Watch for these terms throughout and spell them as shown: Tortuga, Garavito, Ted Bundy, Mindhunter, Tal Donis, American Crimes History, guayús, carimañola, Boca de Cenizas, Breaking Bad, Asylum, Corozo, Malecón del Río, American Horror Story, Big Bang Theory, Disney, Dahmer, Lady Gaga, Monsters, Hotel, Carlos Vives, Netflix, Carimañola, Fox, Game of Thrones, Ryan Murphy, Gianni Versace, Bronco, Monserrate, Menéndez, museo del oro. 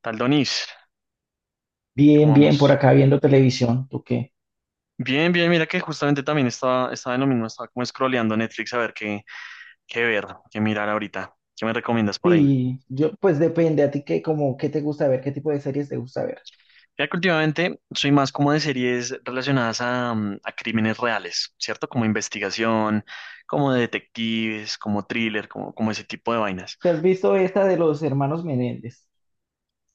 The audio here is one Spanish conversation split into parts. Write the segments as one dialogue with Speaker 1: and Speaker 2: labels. Speaker 1: Tal Donis, ¿cómo
Speaker 2: Bien, bien, por
Speaker 1: vamos?
Speaker 2: acá viendo televisión, ¿tú qué?
Speaker 1: Bien, bien, mira que justamente también estaba en lo mismo, estaba como scrolleando Netflix a ver qué, qué ver, qué mirar ahorita. ¿Qué me recomiendas por ahí?
Speaker 2: Y yo, pues depende, a ti qué, como, qué te gusta ver, qué tipo de series te gusta ver.
Speaker 1: Ya que últimamente soy más como de series relacionadas a a crímenes reales, ¿cierto? Como investigación, como de detectives, como thriller, como ese tipo de vainas.
Speaker 2: ¿Te has visto esta de los hermanos Menéndez?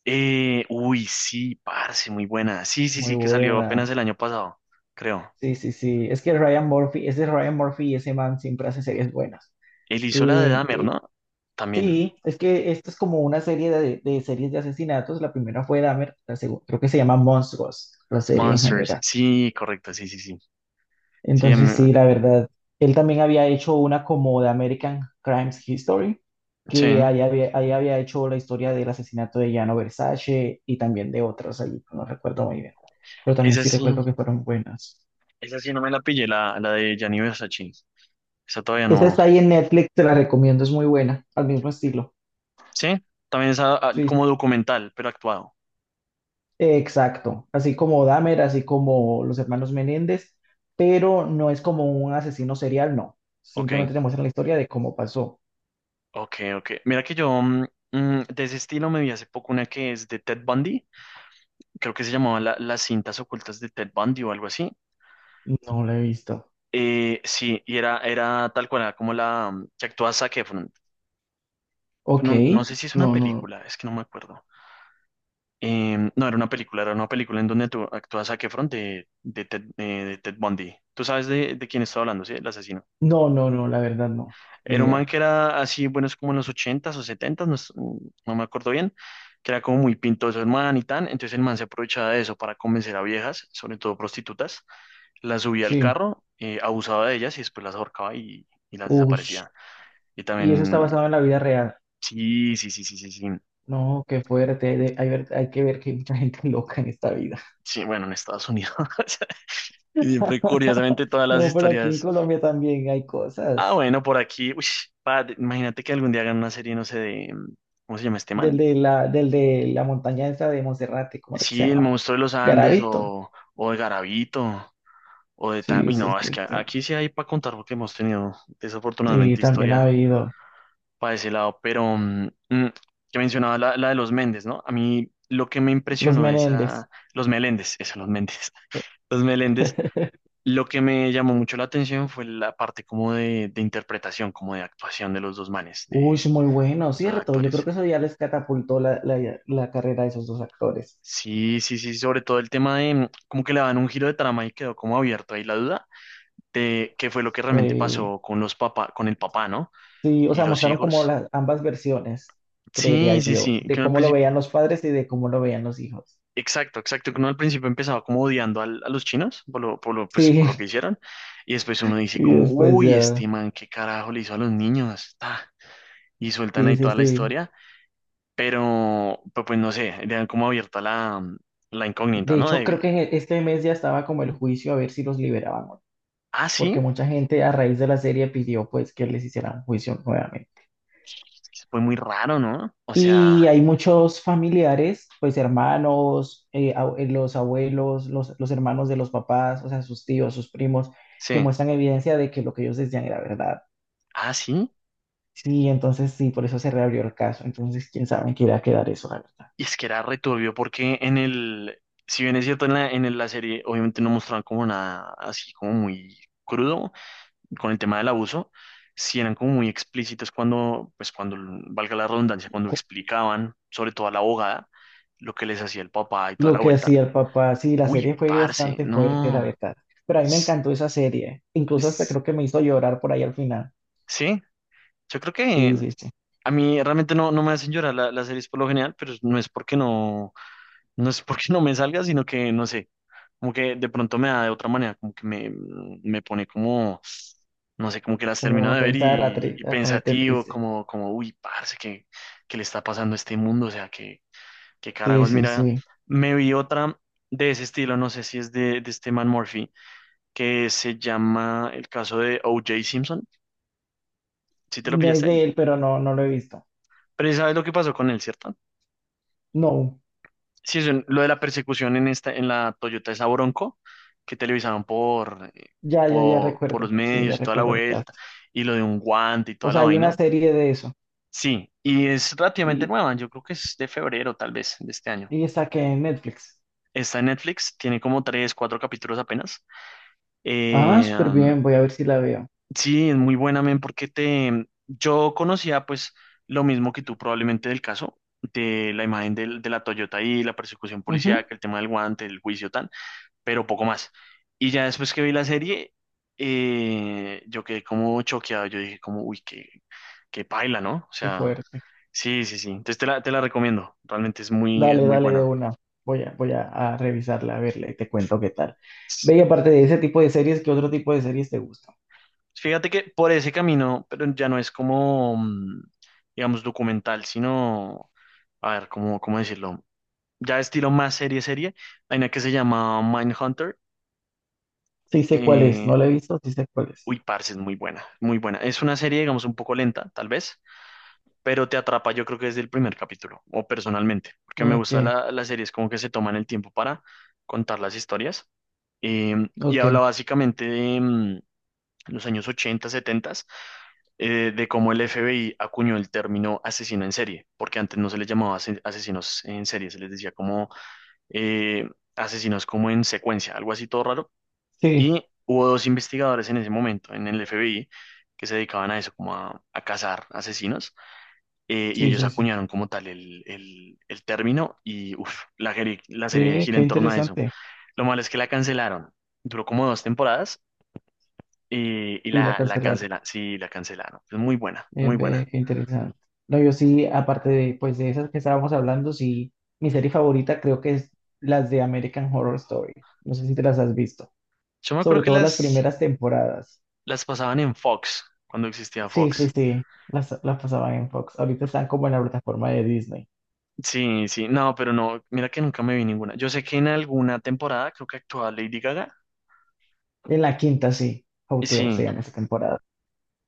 Speaker 1: Uy, sí, parce, muy buena. Sí, sí,
Speaker 2: Muy
Speaker 1: sí, que salió
Speaker 2: buena.
Speaker 1: apenas el año pasado, creo.
Speaker 2: Sí, sí, sí. Es que Ryan Murphy, ese Ryan Murphy y ese man siempre hace series buenas.
Speaker 1: Él hizo la de
Speaker 2: Eh,
Speaker 1: Dahmer,
Speaker 2: eh,
Speaker 1: ¿no? También.
Speaker 2: sí, es que esto es como una serie de series de asesinatos. La primera fue Dahmer, la segunda, creo que se llama Monstruos, la serie en
Speaker 1: Monsters,
Speaker 2: general.
Speaker 1: sí, correcto, sí, sí, sí. Sí, a
Speaker 2: Entonces, sí, la verdad, él también había hecho una como de American Crimes History,
Speaker 1: sí.
Speaker 2: que ahí había hecho la historia del asesinato de Gianni Versace y también de otros allí, no recuerdo muy bien, pero también
Speaker 1: Esa
Speaker 2: sí
Speaker 1: sí,
Speaker 2: recuerdo que fueron buenas.
Speaker 1: esa sí no me la pillé, la de Gianni Versace. Esa todavía
Speaker 2: Esa
Speaker 1: no.
Speaker 2: está ahí en Netflix, te la recomiendo, es muy buena, al mismo estilo.
Speaker 1: Sí, también esa ah,
Speaker 2: Sí,
Speaker 1: como documental, pero actuado.
Speaker 2: exacto, así como Dahmer, así como los hermanos Menéndez, pero no es como un asesino serial, no.
Speaker 1: Ok,
Speaker 2: Simplemente te muestran la historia de cómo pasó.
Speaker 1: ok, ok. Mira que yo mm, mm, de ese estilo me vi hace poco una que es de Ted Bundy. Creo que se llamaba Las cintas ocultas de Ted Bundy o algo así.
Speaker 2: No la he visto.
Speaker 1: Sí, y era, era tal cual, era como la mm, que actúa Zac Efron.
Speaker 2: Ok,
Speaker 1: No, no sé si es una
Speaker 2: no, no.
Speaker 1: película, es que no me acuerdo. No, era una película en donde tú actúas a Efron Ted, de Ted Bundy. Tú sabes de quién estaba hablando, ¿sí? El asesino.
Speaker 2: No, no, no, la verdad no. Ni
Speaker 1: Era un man
Speaker 2: idea.
Speaker 1: que era así, bueno, es como en los ochentas o setentas no, no me acuerdo bien, que era como muy pintoso el man y tan. Entonces el man se aprovechaba de eso para convencer a viejas, sobre todo prostitutas, las subía al
Speaker 2: Sí.
Speaker 1: carro, abusaba de ellas y después las ahorcaba y las
Speaker 2: Ush.
Speaker 1: desaparecía. Y
Speaker 2: Y eso está
Speaker 1: también,
Speaker 2: basado en la vida real.
Speaker 1: sí, sí, sí, sí, sí, sí.
Speaker 2: No, qué fuerte. Hay, hay que ver que hay mucha gente loca en esta vida.
Speaker 1: Sí, bueno, en Estados Unidos. Que siempre, curiosamente, todas las
Speaker 2: No, pero aquí en
Speaker 1: historias.
Speaker 2: Colombia también hay
Speaker 1: Ah,
Speaker 2: cosas.
Speaker 1: bueno, por aquí. Uy, padre, imagínate que algún día hagan una serie, no sé, de. ¿Cómo se llama este man?
Speaker 2: Del de la montaña esa de Monserrate, ¿cómo era que se
Speaker 1: Sí, El
Speaker 2: llamaba?
Speaker 1: Monstruo de los Andes,
Speaker 2: Garavito.
Speaker 1: o de Garavito o de tal.
Speaker 2: Sí,
Speaker 1: Uy,
Speaker 2: sí,
Speaker 1: no, es
Speaker 2: sí,
Speaker 1: que
Speaker 2: sí.
Speaker 1: aquí sí hay para contar porque hemos tenido
Speaker 2: Sí,
Speaker 1: desafortunadamente
Speaker 2: también ha
Speaker 1: historia
Speaker 2: habido.
Speaker 1: para ese lado. Pero mm, mm, que mencionaba la de los Méndez, ¿no? A mí lo que me
Speaker 2: Los
Speaker 1: impresionó de
Speaker 2: Menéndez.
Speaker 1: esa. Los Meléndez, eso, los Méndez.
Speaker 2: Eh,
Speaker 1: Los Meléndez. Lo que me llamó mucho la atención fue la parte como de interpretación, como de actuación de los dos manes,
Speaker 2: Uy,
Speaker 1: de
Speaker 2: muy bueno,
Speaker 1: los dos
Speaker 2: ¿cierto? Yo creo
Speaker 1: actores.
Speaker 2: que eso ya les catapultó la carrera de esos dos actores.
Speaker 1: Sí, sí, sí, sobre todo el tema de mm, como que le dan un giro de trama y quedó como abierto ahí la duda de qué fue lo que realmente
Speaker 2: Sí.
Speaker 1: pasó con los papá, con el papá, ¿no?
Speaker 2: Sí, o
Speaker 1: Y
Speaker 2: sea,
Speaker 1: los
Speaker 2: mostraron como
Speaker 1: hijos.
Speaker 2: las ambas versiones, creería
Speaker 1: Sí, sí,
Speaker 2: yo,
Speaker 1: sí, que
Speaker 2: de
Speaker 1: uno al
Speaker 2: cómo lo
Speaker 1: principio,
Speaker 2: veían los padres y de cómo lo veían los hijos.
Speaker 1: exacto, exacto, que uno al principio empezaba como odiando a los chinos por lo, pues, por
Speaker 2: Sí,
Speaker 1: lo que hicieron y después uno dice
Speaker 2: y
Speaker 1: como,
Speaker 2: después
Speaker 1: uy,
Speaker 2: ya.
Speaker 1: este man, qué carajo le hizo a los niños, ta, y sueltan
Speaker 2: Sí,
Speaker 1: ahí
Speaker 2: sí,
Speaker 1: toda la
Speaker 2: sí.
Speaker 1: historia, pero, pues no sé, le dan como abierta la, la incógnita,
Speaker 2: De
Speaker 1: ¿no?
Speaker 2: hecho, creo
Speaker 1: De,
Speaker 2: que este mes ya estaba como el juicio a ver si los liberaban, o no,
Speaker 1: ah,
Speaker 2: porque
Speaker 1: sí.
Speaker 2: mucha gente a raíz de la serie pidió pues que les hicieran un juicio nuevamente.
Speaker 1: Fue muy raro, ¿no? O
Speaker 2: Y
Speaker 1: sea,
Speaker 2: hay muchos familiares, pues hermanos, los abuelos, los hermanos de los papás, o sea, sus tíos, sus primos, que
Speaker 1: sí.
Speaker 2: muestran evidencia de que lo que ellos decían era verdad.
Speaker 1: Ah, sí.
Speaker 2: Sí, entonces sí, por eso se reabrió el caso. Entonces, quién sabe en qué irá a quedar eso, la verdad.
Speaker 1: Y es que era returbio porque en el, si bien es cierto, en la, la serie obviamente no mostraban como nada así como muy crudo con el tema del abuso, sí eran como muy explícitos cuando, pues cuando, valga la redundancia, cuando explicaban, sobre todo a la abogada, lo que les hacía el papá y toda
Speaker 2: Lo
Speaker 1: la
Speaker 2: que
Speaker 1: vuelta.
Speaker 2: hacía el papá, sí, la
Speaker 1: Uy,
Speaker 2: serie fue
Speaker 1: parce,
Speaker 2: bastante fuerte, la
Speaker 1: no.
Speaker 2: verdad. Pero a mí me
Speaker 1: Es-
Speaker 2: encantó esa serie. Incluso hasta
Speaker 1: es-
Speaker 2: creo que me hizo llorar por ahí al final.
Speaker 1: sí, yo creo que
Speaker 2: Sí, sí, sí.
Speaker 1: a mí realmente no, no me hacen llorar las series por lo general, pero no es porque no, no es porque no me salga, sino que no sé, como que de pronto me da de otra manera, como que me pone como, no sé, como que las termino
Speaker 2: Como
Speaker 1: de ver
Speaker 2: pensar a,
Speaker 1: y
Speaker 2: a ponerte
Speaker 1: pensativo,
Speaker 2: triste.
Speaker 1: como, uy, parce, ¿qué, qué le está pasando a este mundo? O sea, qué, qué
Speaker 2: Sí,
Speaker 1: carajos,
Speaker 2: sí,
Speaker 1: mira,
Speaker 2: sí.
Speaker 1: me vi otra de ese estilo, no sé si es de este man Murphy, que se llama el caso de O.J. Simpson, ¿si te lo
Speaker 2: No es
Speaker 1: pillaste?
Speaker 2: de él, pero no, no lo he visto.
Speaker 1: Pero ya sabes lo que pasó con él, ¿cierto?
Speaker 2: No,
Speaker 1: Sí, eso, lo de la persecución en esta, en la Toyota esa Bronco, que televisaban por,
Speaker 2: ya
Speaker 1: por los
Speaker 2: recuerdo. Sí,
Speaker 1: medios
Speaker 2: ya
Speaker 1: y toda la
Speaker 2: recuerdo el caso.
Speaker 1: vuelta, y lo de un guante y
Speaker 2: O
Speaker 1: toda la
Speaker 2: sea, hay una
Speaker 1: vaina.
Speaker 2: serie de eso.
Speaker 1: Sí, y es relativamente
Speaker 2: Y,
Speaker 1: nueva, yo creo que es de febrero tal vez de este año.
Speaker 2: y está que en Netflix.
Speaker 1: Está en Netflix, tiene como tres, cuatro capítulos apenas.
Speaker 2: Ah,
Speaker 1: Eh,
Speaker 2: súper
Speaker 1: um,
Speaker 2: bien. Voy a ver si la veo.
Speaker 1: sí, es muy buena, men, porque te, yo conocía pues lo mismo que tú probablemente del caso, de la imagen de la Toyota y la persecución policíaca,
Speaker 2: Ujú.
Speaker 1: el tema del guante, el juicio, tan. Pero poco más. Y ya después que vi la serie, yo quedé como choqueado, yo dije como, uy, qué, qué paila, ¿no? O
Speaker 2: Qué
Speaker 1: sea,
Speaker 2: fuerte.
Speaker 1: sí, sí, sí. Entonces te la recomiendo, realmente es
Speaker 2: Dale,
Speaker 1: muy
Speaker 2: dale de
Speaker 1: buena.
Speaker 2: una. Voy a, voy a, a revisarla, a verla y te cuento qué tal.
Speaker 1: S-
Speaker 2: Ve, y aparte de ese tipo de series, ¿qué otro tipo de series te gusta?
Speaker 1: Fíjate que por ese camino, pero ya no es como, mm, digamos, documental, sino, a ver, ¿cómo, cómo decirlo? Ya estilo más serie, serie. Hay una que se llama Mindhunter.
Speaker 2: Sí sé cuál es,
Speaker 1: Eh,
Speaker 2: no la he visto, sí sé cuál es.
Speaker 1: uy, parce, es muy buena, muy buena. Es una serie, digamos, un poco lenta, tal vez, pero te atrapa yo creo que desde el primer capítulo, o personalmente, porque me
Speaker 2: Ok,
Speaker 1: gusta las series como que se toman el tiempo para contar las historias. Eh, y
Speaker 2: ok.
Speaker 1: habla básicamente de mm, los años 80 70, de cómo el FBI acuñó el término asesino en serie, porque antes no se les llamaba asesinos en serie, se les decía como eh, asesinos como en secuencia, algo así todo raro.
Speaker 2: Sí,
Speaker 1: Y hubo dos investigadores en ese momento en el FBI que se dedicaban a eso, como a cazar asesinos, y
Speaker 2: sí,
Speaker 1: ellos
Speaker 2: sí, sí.
Speaker 1: acuñaron como tal el término y uf, la, la serie
Speaker 2: Ve,
Speaker 1: gira
Speaker 2: qué
Speaker 1: en torno a eso.
Speaker 2: interesante.
Speaker 1: Lo malo es que la cancelaron. Duró como dos temporadas y, y
Speaker 2: Y la
Speaker 1: la, la
Speaker 2: cancelaron.
Speaker 1: cancela, sí, la cancelaron. Es muy buena, muy
Speaker 2: Ve,
Speaker 1: buena.
Speaker 2: qué interesante. No, yo sí, aparte de, pues, de esas que estábamos hablando, sí, mi serie favorita creo que es las de American Horror Story. No sé si te las has visto.
Speaker 1: Yo me acuerdo
Speaker 2: Sobre
Speaker 1: que
Speaker 2: todo las primeras temporadas.
Speaker 1: las pasaban en Fox, cuando existía
Speaker 2: Sí,
Speaker 1: Fox.
Speaker 2: sí, sí, las pasaban en Fox. Ahorita están como en la plataforma de Disney.
Speaker 1: Sí, sí, no, pero no, mira que nunca me vi ninguna. Yo sé que en alguna temporada creo que actuaba Lady Gaga.
Speaker 2: En la quinta, sí,
Speaker 1: Y
Speaker 2: Hotel se
Speaker 1: sí,
Speaker 2: llama esa temporada.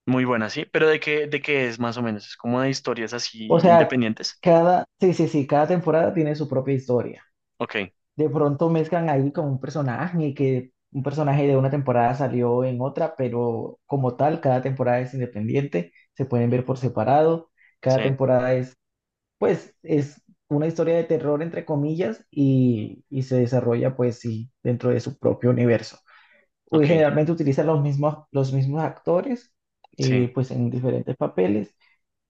Speaker 1: muy buena, sí, pero de qué es más o menos? Es como de historias
Speaker 2: O
Speaker 1: así
Speaker 2: sea,
Speaker 1: independientes.
Speaker 2: cada, sí, sí, sí, cada temporada tiene su propia historia.
Speaker 1: Ok,
Speaker 2: De pronto mezclan ahí con un personaje y que un personaje de una temporada salió en otra, pero como tal, cada temporada es independiente, se pueden ver por separado. Cada
Speaker 1: sí,
Speaker 2: temporada es, pues, es una historia de terror, entre comillas, y se desarrolla, pues, sí, dentro de su propio universo. Uy,
Speaker 1: ok.
Speaker 2: generalmente utilizan los mismos actores,
Speaker 1: Sí.
Speaker 2: pues en diferentes papeles,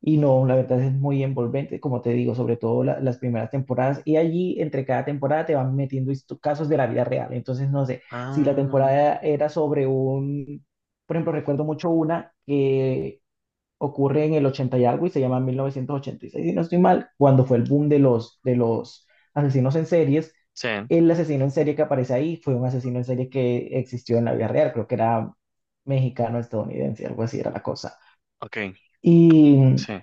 Speaker 2: y no, la verdad es muy envolvente, como te digo, sobre todo las primeras temporadas, y allí entre cada temporada te van metiendo casos de la vida real, entonces no sé, si la
Speaker 1: Ah,
Speaker 2: temporada era sobre un, por ejemplo, recuerdo mucho una que ocurre en el 80 y algo y se llama 1986, si no estoy mal, cuando fue el boom de de los asesinos en series.
Speaker 1: sí,
Speaker 2: El asesino en serie que aparece ahí fue un asesino en serie que existió en la vida real, creo que era mexicano, estadounidense, algo así era la cosa.
Speaker 1: ok,
Speaker 2: Y
Speaker 1: sí,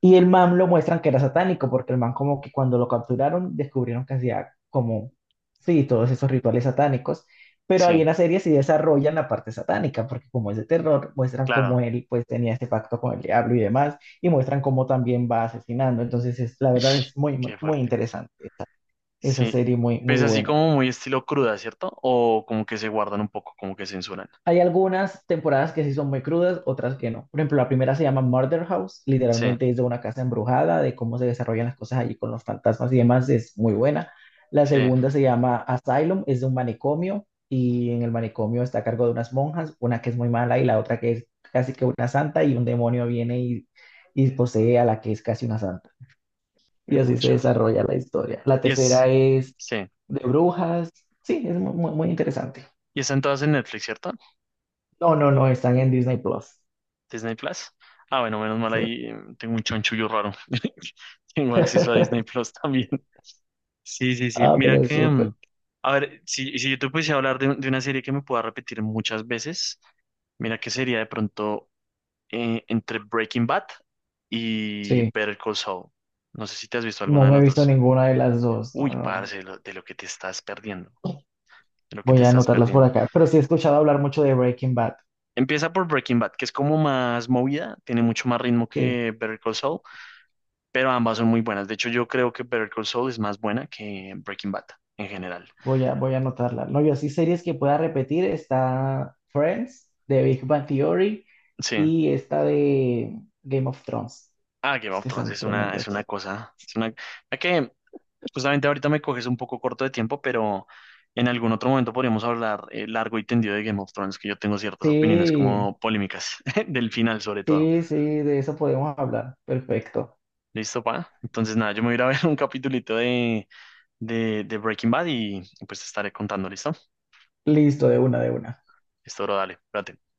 Speaker 2: el man lo muestran que era satánico, porque el man como que cuando lo capturaron descubrieron que hacía como, sí, todos esos rituales satánicos, pero ahí
Speaker 1: sí,
Speaker 2: en la serie sí desarrollan la parte satánica, porque como es de terror, muestran
Speaker 1: claro.
Speaker 2: cómo él pues tenía este pacto con el diablo y demás, y muestran cómo también va asesinando, entonces es, la verdad
Speaker 1: Ish,
Speaker 2: es muy, muy,
Speaker 1: qué
Speaker 2: muy
Speaker 1: fuerte.
Speaker 2: interesante esa, esa
Speaker 1: Sí,
Speaker 2: serie, muy,
Speaker 1: pues
Speaker 2: muy
Speaker 1: así
Speaker 2: buena.
Speaker 1: como muy estilo cruda, ¿cierto? O como que se guardan un poco, como que censuran.
Speaker 2: Hay algunas temporadas que sí son muy crudas, otras que no. Por ejemplo, la primera se llama Murder House,
Speaker 1: Sí,
Speaker 2: literalmente es de una casa embrujada, de cómo se desarrollan las cosas allí con los fantasmas y demás, es muy buena. La
Speaker 1: sí,
Speaker 2: segunda se llama Asylum, es de un manicomio y en el manicomio está a cargo de unas monjas, una que es muy mala y la otra que es casi que una santa y un demonio viene y posee a la que es casi una santa. Y
Speaker 1: me
Speaker 2: así se
Speaker 1: pucha.
Speaker 2: desarrolla la historia. La
Speaker 1: Y es,
Speaker 2: tercera es
Speaker 1: sí,
Speaker 2: de brujas, sí, es muy, muy muy interesante.
Speaker 1: y están todas en Netflix, ¿cierto?
Speaker 2: No, no, no, están en Disney Plus.
Speaker 1: Disney Plus. Ah, bueno, menos mal
Speaker 2: Sí.
Speaker 1: ahí tengo un chonchullo raro. Tengo acceso a Disney Plus también. Sí, sí, sí.
Speaker 2: Ah,
Speaker 1: Mira
Speaker 2: pero es
Speaker 1: que,
Speaker 2: súper.
Speaker 1: mm, a ver, si yo te pudiese hablar de una serie que me pueda repetir muchas veces. Mira que sería de pronto entre Breaking Bad y
Speaker 2: Sí,
Speaker 1: Better Call Saul. No sé si te has visto alguna
Speaker 2: no
Speaker 1: de
Speaker 2: me he
Speaker 1: las
Speaker 2: visto
Speaker 1: dos.
Speaker 2: ninguna de las dos. No,
Speaker 1: Uy,
Speaker 2: no, no.
Speaker 1: parce, de lo que te estás perdiendo, de lo que te
Speaker 2: Voy a
Speaker 1: estás
Speaker 2: anotarlas por
Speaker 1: perdiendo.
Speaker 2: acá. Pero sí he escuchado hablar mucho de Breaking Bad.
Speaker 1: Empieza por Breaking Bad, que es como más movida, tiene mucho más ritmo
Speaker 2: Sí,
Speaker 1: que Better Call Saul, pero ambas son muy buenas. De hecho, yo creo que Better Call Saul es más buena que Breaking Bad en general.
Speaker 2: voy a anotarla. No, yo así series que pueda repetir está Friends, de Big Bang Theory
Speaker 1: Sí.
Speaker 2: y esta de Game of Thrones.
Speaker 1: Ah, Game
Speaker 2: Es
Speaker 1: of
Speaker 2: que
Speaker 1: Thrones
Speaker 2: son tremendas
Speaker 1: es una
Speaker 2: series.
Speaker 1: cosa. Es una... ok, justamente ahorita me coges un poco corto de tiempo, pero en algún otro momento podríamos hablar largo y tendido de Game of Thrones, que yo tengo ciertas opiniones
Speaker 2: Sí,
Speaker 1: como polémicas, del final sobre todo.
Speaker 2: sí, sí, de eso podemos hablar. Perfecto.
Speaker 1: ¿Listo, pa? Entonces nada, yo me voy a ir a ver un capitulito de, de Breaking Bad y pues te estaré contando, ¿listo?
Speaker 2: Listo, de una, de una.
Speaker 1: Listo, bro, dale, espérate.